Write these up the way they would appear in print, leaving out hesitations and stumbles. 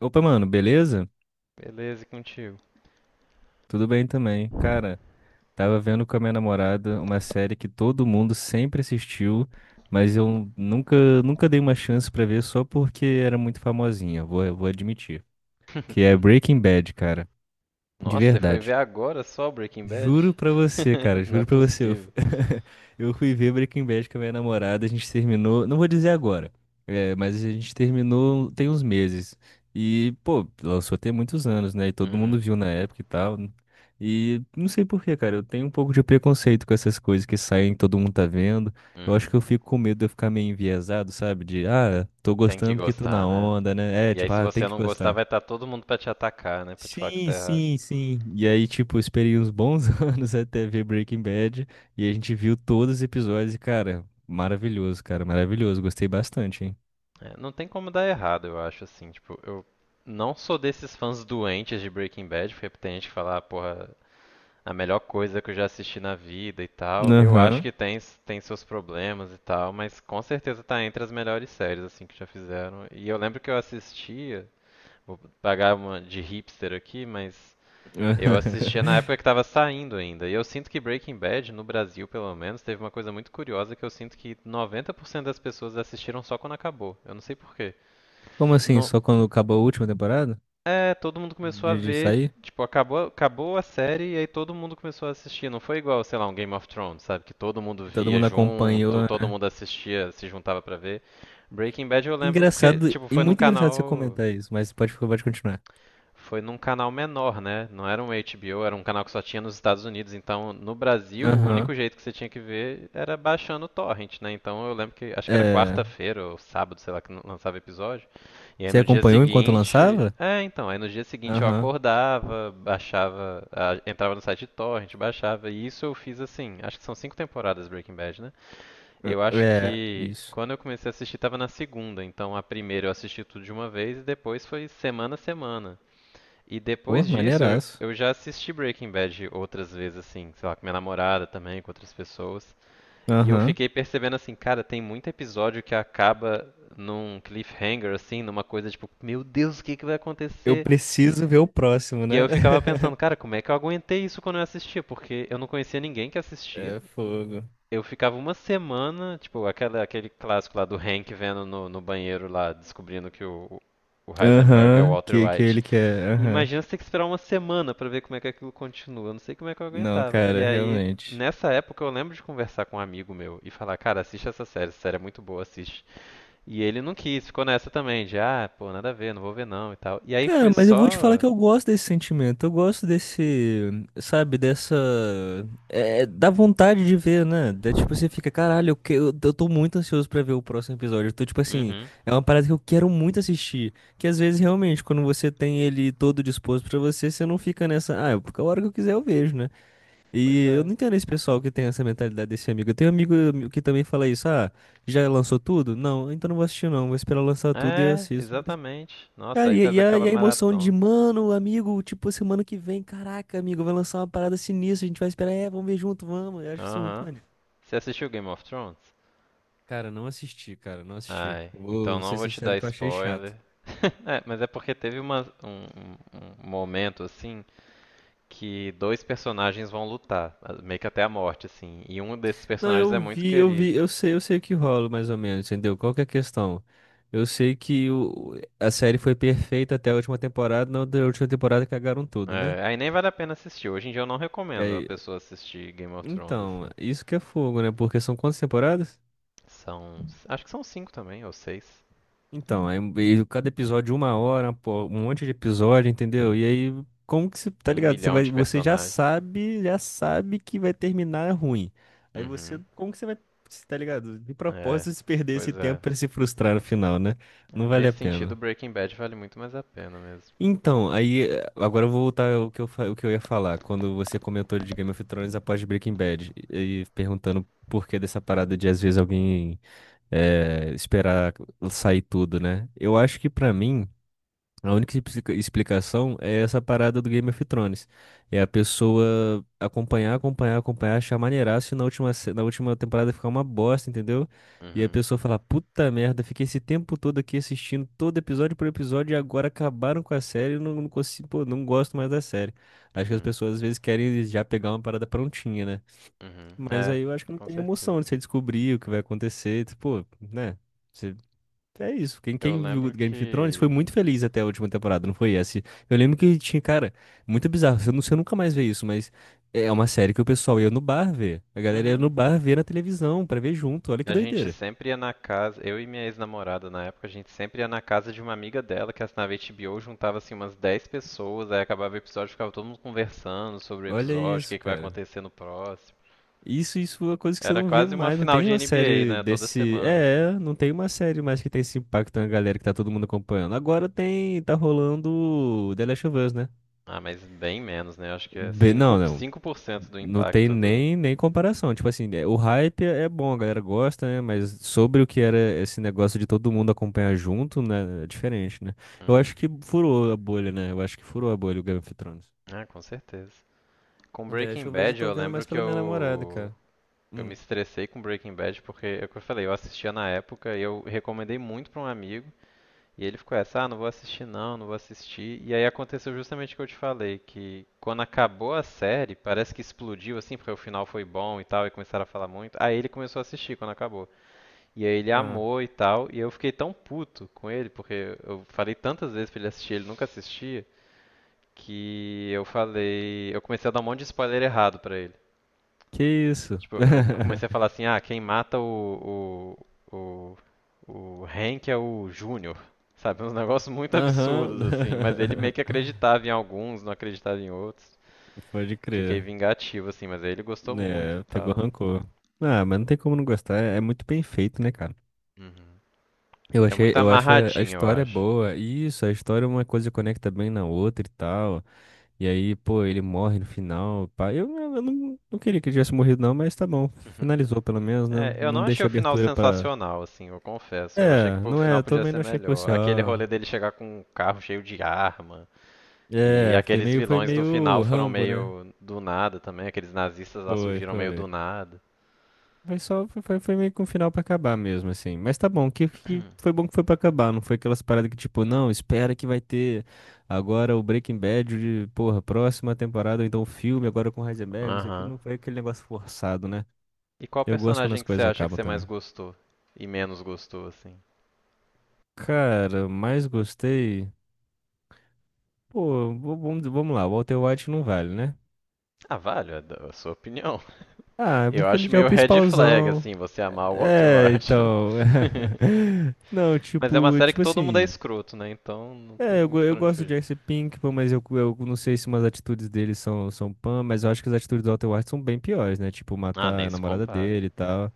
Opa, mano, beleza? Beleza, e contigo? Tudo bem também. Cara, tava vendo com a minha namorada uma série que todo mundo sempre assistiu, mas eu nunca dei uma chance pra ver só porque era muito famosinha, vou admitir. Que é Breaking Bad, cara. De Nossa, você foi ver verdade. agora só Breaking Bad? Juro pra você, cara, Não é juro pra você. Possível. eu fui ver Breaking Bad com a minha namorada, a gente terminou, não vou dizer agora, é, mas a gente terminou tem uns meses. E, pô, lançou tem muitos anos, né? E todo mundo Uhum, viu na época e tal. E não sei por quê, cara, eu tenho um pouco de preconceito com essas coisas que saem, todo mundo tá vendo. Eu acho uhum. que eu fico com medo de eu ficar meio enviesado, sabe? De, ah, tô Tem que gostando porque tô gostar, na né? onda, né? É, E aí, tipo, se ah, tem você que não gostar, gostar. vai estar todo mundo pra te atacar, né? Pra te falar que você tá Sim, errado. sim, sim. E aí, tipo, eu esperei uns bons anos até ver Breaking Bad. E a gente viu todos os episódios e, cara, maravilhoso, cara, maravilhoso. Gostei bastante, hein? É, não tem como dar errado, eu acho, assim. Tipo, eu não sou desses fãs doentes de Breaking Bad, porque tem gente que fala, ah, porra, a melhor coisa que eu já assisti na vida e tal. Eu acho Aham. que tem, tem seus problemas e tal, mas com certeza tá entre as melhores séries assim que já fizeram. E eu lembro que eu assistia, vou pagar uma de hipster aqui, mas eu assistia na época que tava saindo ainda. E eu sinto que Breaking Bad, no Brasil pelo menos, teve uma coisa muito curiosa que eu sinto que 90% das pessoas assistiram só quando acabou. Eu não sei por quê. Como assim? Só quando acabou a última temporada? É, todo mundo começou a De ver, sair? tipo, acabou, acabou a série e aí todo mundo começou a assistir. Não foi igual, sei lá, um Game of Thrones, sabe? Que todo mundo E todo via mundo acompanhou, junto, todo né? mundo assistia, se juntava pra ver. Breaking Bad eu lembro porque, Engraçado, tipo, e foi num muito engraçado você canal comentar isso, mas pode continuar. foi num canal menor, né? Não era um HBO, era um canal que só tinha nos Estados Unidos. Então, no Brasil, o Aham. único jeito que você tinha que ver era baixando o torrent, né? Então, eu lembro que acho que era É. quarta-feira ou sábado, sei lá, que lançava episódio. E aí Você no dia acompanhou enquanto seguinte, lançava? é, então, aí no dia seguinte eu Aham. acordava, baixava, entrava no site de torrent, baixava. E isso eu fiz assim, acho que são 5 temporadas Breaking Bad, né? Eu acho É, que isso. quando eu comecei a assistir tava na segunda, então a primeira eu assisti tudo de uma vez e depois foi semana a semana. E Pô, depois disso, eu, maneiraço. eu já assisti Breaking Bad outras vezes, assim, sei lá, com minha namorada também, com outras pessoas. E eu Aham. fiquei percebendo assim, cara, tem muito episódio que acaba num cliffhanger, assim, numa coisa tipo, meu Deus, o que que vai Eu acontecer? preciso ver o próximo, E aí né? eu ficava pensando, cara, como é que eu aguentei isso quando eu assistia? Porque eu não conhecia ninguém que assistia. É fogo. Eu ficava uma semana, tipo, aquele clássico lá do Hank vendo no, no banheiro lá, descobrindo que o Heisenberg é o Aham, Walter que White. ele quer. E Aham. imagina você ter que esperar uma semana pra ver como é que aquilo continua. Eu não sei como é que eu Não, aguentava. E cara, aí, realmente. nessa época, eu lembro de conversar com um amigo meu e falar, cara, assiste essa série é muito boa, assiste. E ele não quis, ficou nessa também, de ah, pô, nada a ver, não vou ver não e tal. E aí Cara, foi mas eu vou te falar só. que eu gosto desse sentimento. Eu gosto desse, sabe, dessa. É, dá vontade de ver, né? Da, tipo, você fica, caralho, eu tô muito ansioso pra ver o próximo episódio. Eu tô, tipo assim, Uhum. é uma parada que eu quero muito assistir. Que às vezes, realmente, quando você tem ele todo disposto pra você, você não fica nessa, ah, porque a hora que eu quiser eu vejo, né? Pois E eu é. não entendo esse pessoal que tem essa mentalidade desse amigo. Eu tenho um amigo que também fala isso. Ah, já lançou tudo? Não, então não vou assistir não. Vou esperar lançar tudo e eu É, assisto. Mas, exatamente. cara, Nossa, aí e, faz e a, aquela e a emoção de, maratona. mano, amigo, tipo, semana que vem, caraca, amigo, vai lançar uma parada sinistra, a gente vai esperar, é, vamos ver junto, vamos. Eu acho isso muito Aham. maneiro. Você assistiu Game of Thrones? Cara, não assisti, cara, não assisti. Ai, Eu então vou não ser vou te dar sincero que eu achei spoiler. chato. É, mas é porque teve um momento assim que dois personagens vão lutar, ah, meio que até a morte, assim. E um desses Não, personagens eu é muito vi, eu querido. vi, eu sei o que rola mais ou menos, entendeu? Qual que é a questão? Eu sei que o, a série foi perfeita até a última temporada, na da última temporada cagaram tudo, né? É, aí nem vale a pena assistir. Hoje em dia eu não E recomendo a aí- pessoa assistir Game of Thrones, então, assim. isso que é fogo, né? Porque são quantas temporadas? São. Acho que são cinco também, ou seis. Então, e cada episódio uma hora, pô, um monte de episódio, entendeu? E aí, como que você, tá Um ligado? Você milhão vai, de você já personagens. sabe, já sabe que vai terminar ruim. Aí você, Uhum. como que você vai, cê tá ligado? De É. propósito, se perder esse Pois é. tempo pra se frustrar no final, né? Não É, vale nesse a sentido, pena. Breaking Bad vale muito mais a pena mesmo. Então, aí, agora eu vou voltar ao que eu, o que eu ia falar, quando você comentou de Game of Thrones após Breaking Bad, e perguntando por que dessa parada de, às vezes, alguém esperar sair tudo, né? Eu acho que, pra mim, a única explicação é essa parada do Game of Thrones. É a pessoa acompanhar, achar maneiraço e na última, na última temporada ficar uma bosta, entendeu? E a Uhum. pessoa falar, puta merda, fiquei esse tempo todo aqui assistindo todo episódio por episódio e agora acabaram com a série e não, não consigo, pô, não gosto mais da série. Acho que as Uhum. pessoas às vezes querem já pegar uma parada prontinha, né? Uhum. Mas É, aí eu acho que não com tem certeza. emoção de você descobrir o que vai acontecer, tipo, pô, né? É isso. Quem, Eu quem viu lembro Game of Thrones foi que. muito feliz até a última temporada, não foi essa? Eu lembro que tinha, cara, muito bizarro. Eu não sei, eu nunca mais ver isso, mas é uma série que o pessoal ia no bar ver. A galera ia Uhum. no bar ver na televisão pra ver junto. Olha que A gente doideira. sempre ia na casa, eu e minha ex-namorada na época, a gente sempre ia na casa de uma amiga dela que assinava HBO, juntava assim umas 10 pessoas, aí acabava o episódio, ficava todo mundo conversando sobre o Olha episódio, o que isso, que vai cara. acontecer no próximo. Isso é uma coisa que você Era não vê quase uma mais. Não final tem de uma NBA, série né? Toda desse. semana, assim. Não tem uma série mais que tem esse impacto na galera que tá todo mundo acompanhando. Agora tem, tá rolando The Last of Us, né? Ah, mas bem menos, né? Acho que é cinco Não, não. cinco por cento do Não tem impacto do. nem comparação. Tipo assim, o hype é bom, a galera gosta, né? Mas sobre o que era esse negócio de todo mundo acompanhar junto, né? É diferente, né? Eu acho Uhum. que furou a bolha, né? Eu acho que furou a bolha o Game of Thrones. Ah, com certeza. Com O The Last Breaking of Us eu Bad, tô eu vendo lembro mais que pela minha namorada, eu. cara. Eu me Hum. estressei com Breaking Bad porque, é o que eu falei, eu assistia na época e eu recomendei muito pra um amigo. E ele ficou essa, ah, não vou assistir não, não vou assistir. E aí aconteceu justamente o que eu te falei, que quando acabou a série, parece que explodiu assim, porque o final foi bom e tal, e começaram a falar muito. Aí ele começou a assistir quando acabou. E aí ele Ah. amou e tal, e eu fiquei tão puto com ele, porque eu falei tantas vezes pra ele assistir, ele nunca assistia, que eu falei, eu comecei a dar um monte de spoiler errado pra ele. Que isso? Tipo, eu comecei a falar assim, ah, quem mata o, o Hank é o Júnior. Sabe, uns negócios muito absurdos, Aham. assim. Mas ele meio que acreditava em alguns, não acreditava em outros. Pode Fiquei crer. vingativo, assim, mas aí ele gostou muito e É, pegou tal. rancor. Ah, mas não tem como não gostar. É muito bem feito, né, cara? Uhum. Eu É achei, muito eu acho a amarradinho, eu história acho. boa. E Isso, a história uma coisa conecta bem na outra e tal. E aí, pô, ele morre no final. Pá. Eu não, não queria que ele tivesse morrido, não, mas tá bom. Uhum. Finalizou pelo menos, né? É, eu não Não achei deixa o final abertura pra. sensacional, assim, eu confesso. Eu achei que É, o não é, final eu podia também ser não achei que fosse, melhor. Aquele ó. rolê dele chegar com um carro cheio de arma. E É, foi aqueles meio, foi vilões do final meio foram Rambo, né? meio do nada também, aqueles nazistas lá Foi, surgiram meio foi. do nada. Foi só, foi meio que um final pra acabar mesmo, assim. Mas tá bom, que foi bom que foi pra acabar, não foi aquelas paradas que tipo, não, espera que vai ter agora o Breaking Bad de, porra, próxima temporada, ou então o filme agora com Heisenberg, não sei o que, Aham. não foi aquele negócio forçado, né? E qual Eu gosto quando as personagem que você coisas acha que acabam você mais também. gostou e menos gostou, assim? Cara, mais gostei. Pô, vamos lá, o Walter White não vale, né? Ah, vale, é a sua opinião. Ah, é Eu porque ele acho já é o meio red flag, principalzão. assim, você amar o Walter É, White. então. Não, Mas é uma tipo, série que tipo todo mundo é assim. escroto, né? Então não tem É, eu, muito eu pra onde gosto do fugir. Jesse Pinkman, mas eu não sei se umas atitudes dele são, são pan, mas eu acho que as atitudes do Walter White são bem piores, né? Tipo, Ah, matar nem a se namorada compara. dele e tal.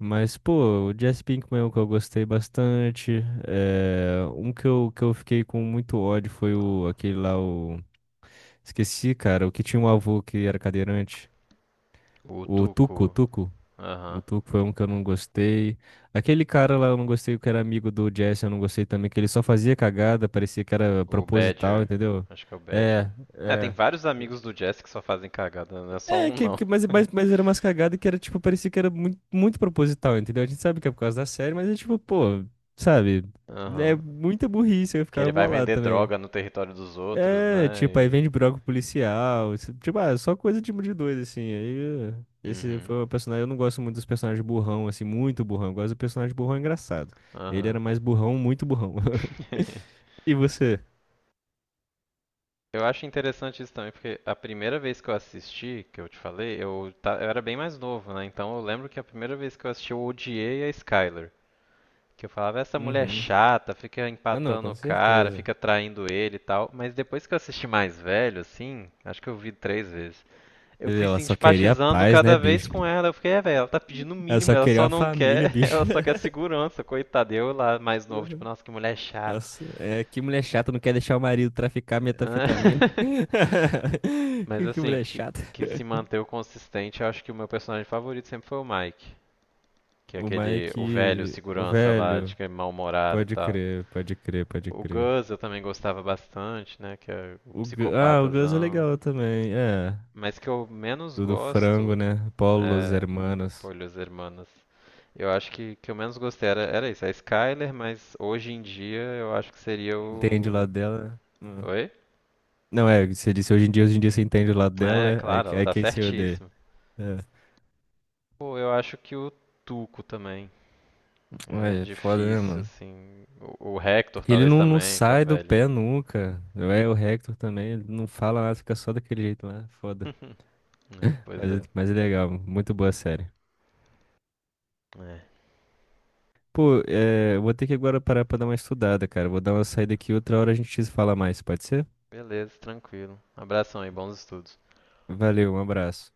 Mas, pô, o Jesse Pinkman é um que eu gostei bastante. É, um que que eu fiquei com muito ódio foi o, aquele lá, o... Esqueci, cara, o que tinha um avô que era cadeirante. O O Tuco, Tuco, Tuco. O aham. Tuco foi um que eu não gostei. Aquele cara lá eu não gostei, que era amigo do Jesse, eu não gostei também, que ele só fazia cagada, parecia que era O proposital, Badger, entendeu? acho que é o Badger. É, É, tem é. vários amigos do Jesse que só fazem cagada, não é só É, um que, não. que, mas, mas, mas era umas cagadas que era, tipo, parecia que era muito, muito proposital, entendeu? A gente sabe que é por causa da série, mas é tipo, pô, sabe? É Aham. muita burrice, eu Que ficava ele vai bolado vender também. droga no território dos outros, É, né? tipo, aí E... vende broco policial. Tipo, ah, só coisa tipo de dois, assim. Aí, esse Uhum. foi o personagem. Eu não gosto muito dos personagens burrão, assim, muito burrão. Eu gosto do personagem burrão engraçado. Ele Aham. era mais burrão, muito burrão. E você? Eu acho interessante isso também, porque a primeira vez que eu assisti, que eu te falei, eu era bem mais novo, né? Então eu lembro que a primeira vez que eu assisti, eu odiei a Skyler. Que eu falava, essa mulher é Uhum. chata, fica Ah, não, empatando com o cara, certeza. fica traindo ele e tal. Mas depois que eu assisti mais velho, assim, acho que eu vi 3 vezes. Eu fui Ela só queria simpatizando paz, né, cada vez bicho? com ela. Eu fiquei, é, velho, ela tá pedindo o Ela mínimo, só ela queria só uma não família, quer, ela bicho. só quer segurança, coitada. Eu lá, mais novo, tipo, Uhum. nossa, que mulher chata. Nossa, é que mulher chata não quer deixar o marido traficar metanfetamina. Mas Que assim, mulher que, chata. que se manteve consistente, eu acho que o meu personagem favorito sempre foi o Mike. Que é O aquele, o velho Mike, o segurança lá, de velho. que é mal-humorado e Pode tal. crer, pode crer, pode O crer. Gus eu também gostava bastante, né? Que é o O, ah, o Gus é psicopatazão. legal também, é. Mas que eu menos Do frango, gosto né? Paulo, os é. hermanos. Pô, Los Hermanos. Eu acho que eu menos gostei era isso, a Skyler, mas hoje em dia eu acho que seria Entende o lado o. dela? Né? Oi? Não, é, você disse hoje em dia você entende o lado dela, É, é, aí, claro, ela aí tá quem se odeia. certíssima. É. Pô, eu acho que o Tuco também. É Ué, é foda, né, difícil, mano? assim. O Hector Porque ele talvez não, não também, que é o sai do pé velhinho. nunca. É, o Hector também, ele não fala nada, fica só daquele jeito lá, é foda. Pois é. Mas é legal, muito boa a série. É. Pô, é, eu vou ter que agora parar pra dar uma estudada, cara. Vou dar uma saída aqui, outra hora a gente fala mais, pode ser? Beleza, tranquilo. Abração aí, bons estudos. Valeu, um abraço.